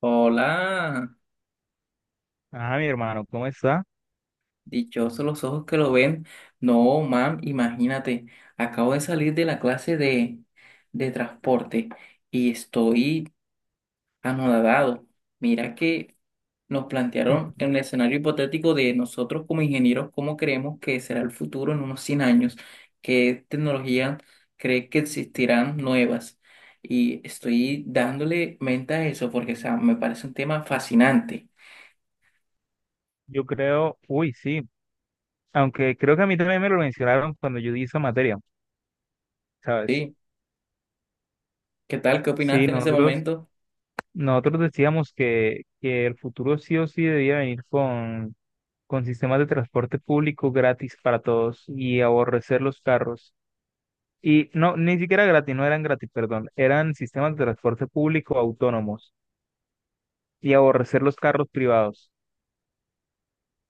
Hola, Ah, mi hermano, ¿cómo está? dichosos los ojos que lo ven. No, mam, imagínate, acabo de salir de la clase de transporte y estoy anodadado. Mira que nos plantearon en el escenario hipotético de nosotros como ingenieros, cómo creemos que será el futuro en unos 100 años, qué tecnologías cree que existirán nuevas. Y estoy dándole mente a eso porque, o sea, me parece un tema fascinante. Yo creo, uy, sí, aunque creo que a mí también me lo mencionaron cuando yo di esa materia, ¿sabes? ¿Sí? ¿Qué tal? ¿Qué Sí, opinaste en ese nosotros, momento? nosotros decíamos que el futuro sí o sí debía venir con sistemas de transporte público gratis para todos y aborrecer los carros. Y no, ni siquiera gratis, no eran gratis, perdón, eran sistemas de transporte público autónomos y aborrecer los carros privados.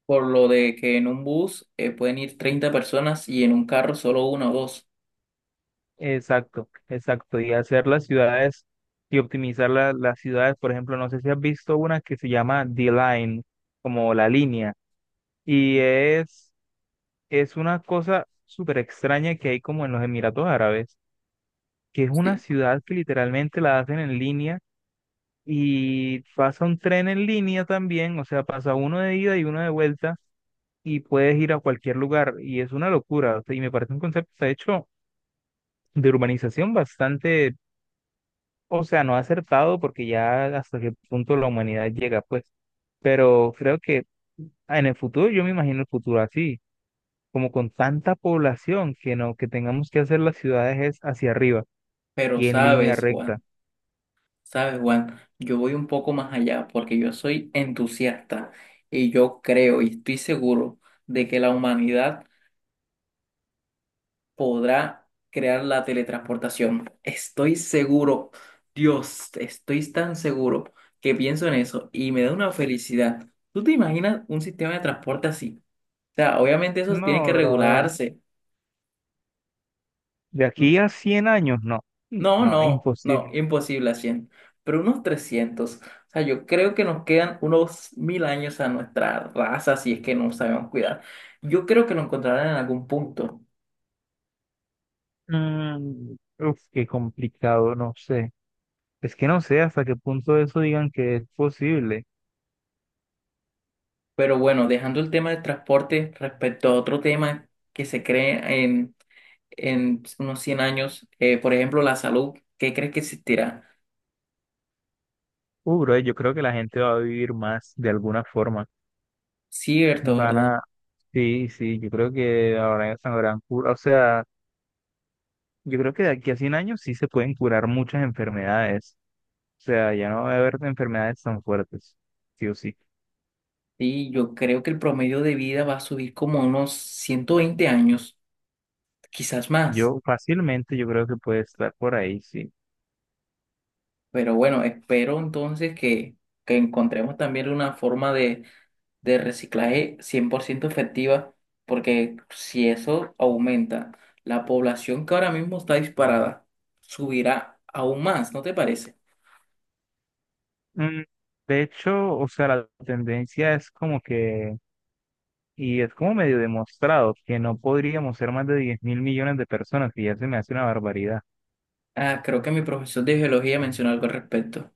Por lo de que en un bus pueden ir 30 personas y en un carro solo uno o dos. Exacto, exacto. Y hacer las ciudades y optimizar las ciudades. Por ejemplo, no sé si has visto una que se llama the line, como la línea. Y es una cosa súper extraña que hay como en los Emiratos Árabes, que es una Sí, ciudad que literalmente la hacen en línea y pasa un tren en línea también, o sea, pasa uno de ida y uno de vuelta y puedes ir a cualquier lugar. Y es una locura. O sea, y me parece un concepto, de hecho, de urbanización bastante, o sea, no acertado porque ya hasta qué punto la humanidad llega, pues, pero creo que en el futuro, yo me imagino el futuro así, como con tanta población que no, que tengamos que hacer las ciudades es hacia arriba pero y en línea sabes, recta. Juan, sabes, Juan, yo voy un poco más allá porque yo soy entusiasta y yo creo y estoy seguro de que la humanidad podrá crear la teletransportación. Estoy seguro, Dios, estoy tan seguro que pienso en eso y me da una felicidad. ¿Tú te imaginas un sistema de transporte así? O sea, obviamente eso tiene que No, brother, regularse. de aquí a 100 años, no, No, no, no, no, imposible. imposible a 100, pero unos 300. O sea, yo creo que nos quedan unos 1.000 años a nuestra raza si es que no sabemos cuidar. Yo creo que lo encontrarán en algún punto. Uf, qué complicado, no sé. Es que no sé hasta qué punto eso digan que es posible. Pero bueno, dejando el tema del transporte respecto a otro tema que se cree en unos 100 años, por ejemplo, la salud, ¿qué crees que existirá? Bro, yo creo que la gente va a vivir más de alguna forma. Cierto, Van ¿verdad? a, sí, sí, yo creo que ahora ya se sabrán curar, o sea, yo creo que de aquí a 100 años sí se pueden curar muchas enfermedades, o sea, ya no va a haber enfermedades tan fuertes, sí o sí. Sí, yo creo que el promedio de vida va a subir como unos 120 años, quizás más. Yo fácilmente yo creo que puede estar por ahí, sí. Pero bueno, espero entonces que encontremos también una forma de reciclaje 100% efectiva, porque si eso aumenta, la población que ahora mismo está disparada subirá aún más, ¿no te parece? Mm, De hecho, o sea, la tendencia es como que, y es como medio demostrado, que no podríamos ser más de 10.000 millones de personas, que ya se me hace una barbaridad. Ah, creo que mi profesor de geología mencionó algo al respecto.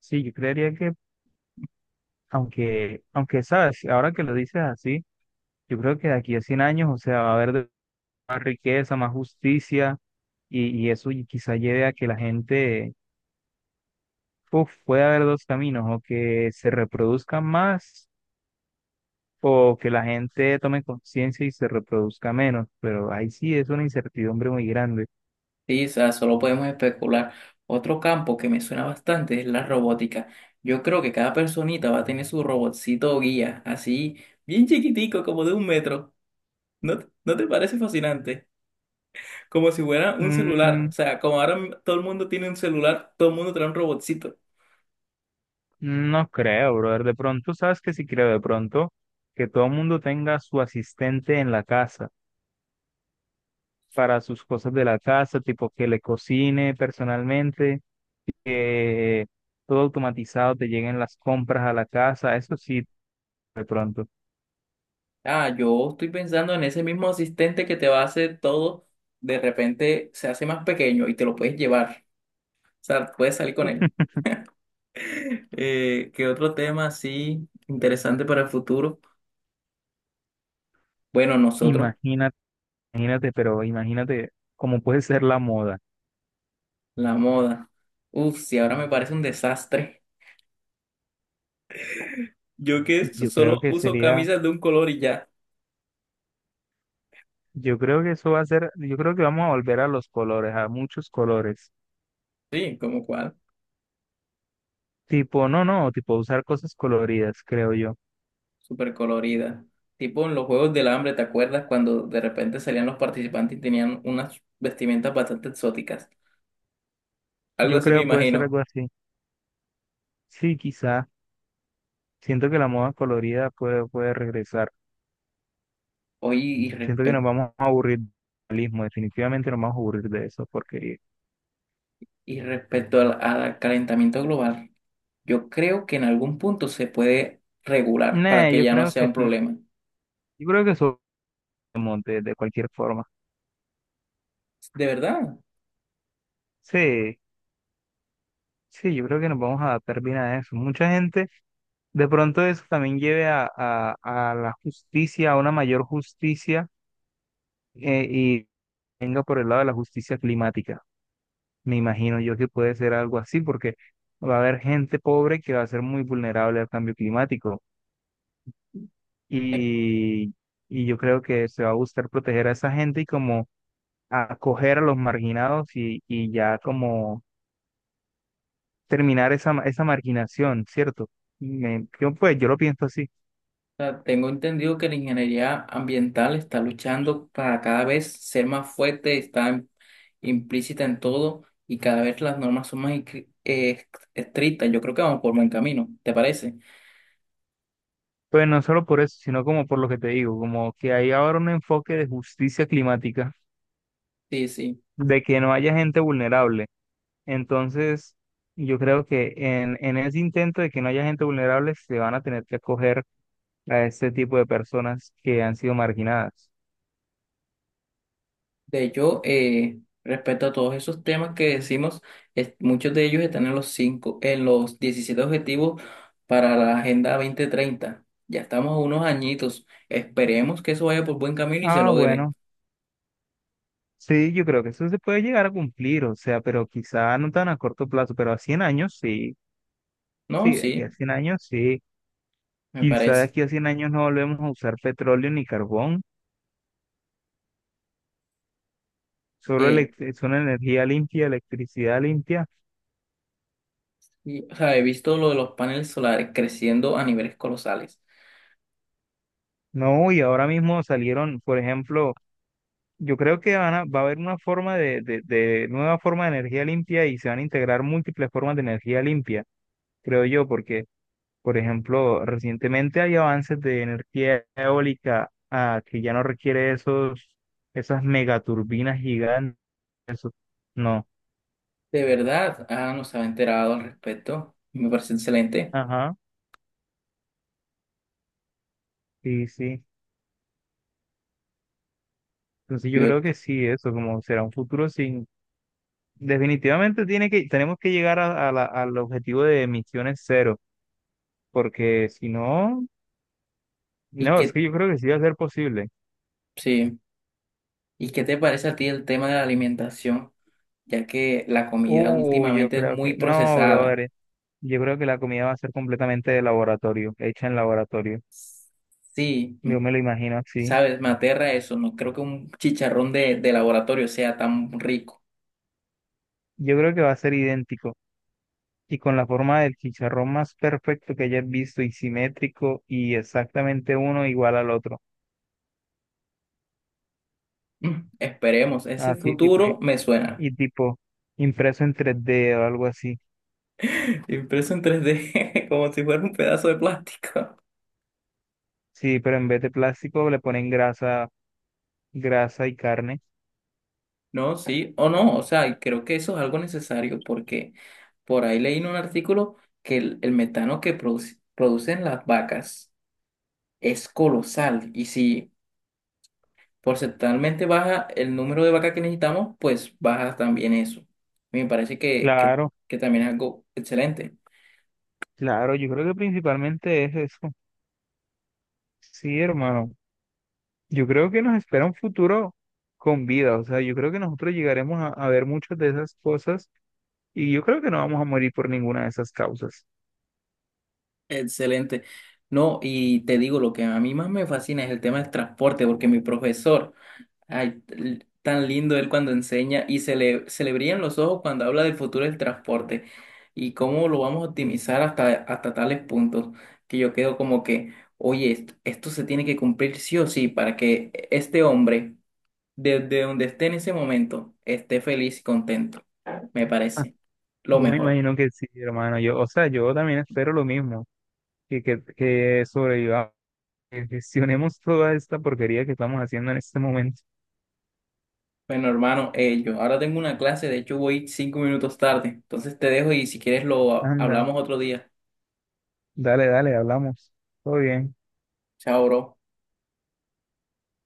Sí, yo creería que, aunque sabes, ahora que lo dices así, yo creo que de aquí a 100 años, o sea, va a haber más riqueza, más justicia, y eso, y quizá lleve a que la gente, uf, puede haber dos caminos, o que se reproduzcan más, o que la gente tome conciencia y se reproduzca menos, pero ahí sí es una incertidumbre muy grande. Sí, o sea, solo podemos especular. Otro campo que me suena bastante es la robótica. Yo creo que cada personita va a tener su robotcito guía, así bien chiquitico, como de 1 metro. ¿No, no te parece fascinante? Como si fuera un celular. Mm, O sea, como ahora todo el mundo tiene un celular, todo el mundo trae un robotcito. no creo, brother, de pronto, sabes que sí creo, de pronto, que todo el mundo tenga su asistente en la casa, para sus cosas de la casa, tipo que le cocine personalmente, que todo automatizado, te lleguen las compras a la casa, eso sí, de pronto. Ah, yo estoy pensando en ese mismo asistente que te va a hacer todo, de repente se hace más pequeño y te lo puedes llevar. O sea, puedes salir con él. ¿Qué otro tema así interesante para el futuro? Bueno, nosotros, Imagínate, imagínate, pero imagínate cómo puede ser la moda. la moda. Uf, si ahora me parece un desastre. Yo que Yo creo solo que uso sería, camisas de un color y ya. yo creo que eso va a ser, yo creo que vamos a volver a los colores, a muchos colores. Sí, como cual. Tipo, no, no, tipo usar cosas coloridas, creo yo. Súper colorida. Tipo en los Juegos del Hambre, ¿te acuerdas cuando de repente salían los participantes y tenían unas vestimentas bastante exóticas? Algo Yo así me creo puede ser imagino. algo así. Sí, quizá. Siento que la moda colorida puede, puede regresar. Oye, y, Siento que nos respe- vamos a aburrir del realismo, definitivamente nos vamos a aburrir de eso, porque, y respecto al calentamiento global, yo creo que en algún punto se puede regular para nah, que yo ya no creo sea que un sí, problema. yo creo que somos, de cualquier forma. De verdad. Sí, sí, yo creo que nos vamos a adaptar bien a eso. Mucha gente, de pronto eso también lleve a, a la justicia, a una mayor justicia, y venga por el lado de la justicia climática. Me imagino yo que puede ser algo así, porque va a haber gente pobre que va a ser muy vulnerable al cambio climático y, y yo creo que se va a buscar proteger a esa gente y como acoger a los marginados, y ya como terminar esa marginación, ¿cierto? Yo, pues yo lo pienso así, Sea, tengo entendido que la ingeniería ambiental está luchando para cada vez ser más fuerte, está implícita en todo y cada vez las normas son más estrictas. Yo creo que vamos por buen camino, ¿te parece? pues no solo por eso, sino como por lo que te digo, como que hay ahora un enfoque de justicia climática, Sí, sí. de que no haya gente vulnerable. Entonces, yo creo que en ese intento de que no haya gente vulnerable, se van a tener que acoger a este tipo de personas que han sido marginadas. De hecho, respecto a todos esos temas que decimos, muchos de ellos están en los cinco, en los 17 objetivos para la Agenda 2030. Ya estamos a unos añitos. Esperemos que eso vaya por buen camino y se Ah, logre. bueno, sí, yo creo que eso se puede llegar a cumplir, o sea, pero quizá no tan a corto plazo, pero a 100 años sí, No, sí, de aquí a sí, 100 años sí, me quizá de parece. aquí a 100 años no volvemos a usar petróleo ni carbón, solo Eh, es una energía limpia, electricidad limpia, Y, o sea, he visto lo de los paneles solares creciendo a niveles colosales. no, y ahora mismo salieron, por ejemplo, yo creo que van a- va a haber una forma de nueva forma de energía limpia y se van a integrar múltiples formas de energía limpia, creo yo, porque, por ejemplo, recientemente hay avances de energía eólica, que ya no requiere esas megaturbinas gigantes. No. De verdad, ah, no se ha enterado al respecto. Me parece excelente. Ajá. Sí, sí. Entonces yo Yo- creo que sí, eso como será un futuro sin... Definitivamente tiene que, tenemos que llegar al objetivo de emisiones cero, porque si no, ¿y no, es qué, que yo creo que sí va a ser posible. sí, ¿y qué te parece a ti el tema de la alimentación? Ya que la comida Uy, yo últimamente es creo que, muy no, procesada. brother, yo creo que la comida va a ser completamente de laboratorio, hecha en laboratorio. Sí, Yo me lo imagino así. sabes, me aterra eso. No creo que un chicharrón de laboratorio sea tan rico. Yo creo que va a ser idéntico y con la forma del chicharrón más perfecto que hayas visto y simétrico y exactamente uno igual al otro. Esperemos, ese Así tipo, futuro me suena. y tipo impreso en 3D o algo así. Impreso en 3D, como si fuera un pedazo de plástico. Sí, pero en vez de plástico le ponen grasa, grasa y carne. No, sí, o no, o sea, y creo que eso es algo necesario porque por ahí leí en un artículo que el metano que producen las vacas es colosal y si porcentualmente baja el número de vacas que necesitamos, pues baja también eso. Me parece que, que, Claro, que también es algo excelente, claro, yo creo que principalmente es eso. Sí, hermano. Yo creo que nos espera un futuro con vida, o sea, yo creo que nosotros llegaremos a ver muchas de esas cosas y yo creo que no vamos a morir por ninguna de esas causas. excelente. No, y te digo, lo que a mí más me fascina es el tema del transporte porque mi profesor... Ay, tan lindo él cuando enseña y se le brillan los ojos cuando habla del futuro del transporte y cómo lo vamos a optimizar hasta tales puntos que yo quedo como que, oye, esto, se tiene que cumplir sí o sí para que este hombre, desde donde esté en ese momento, esté feliz y contento. Me parece lo Yo me mejor. imagino que sí, hermano, yo, o sea, yo también espero lo mismo, que, que sobrevivamos, que gestionemos toda esta porquería que estamos haciendo en este momento. Bueno, hermano, yo ahora tengo una clase, de hecho voy 5 minutos tarde, entonces te dejo y si quieres lo Anda, hablamos otro día. dale, dale, hablamos. Todo bien. Chao, bro.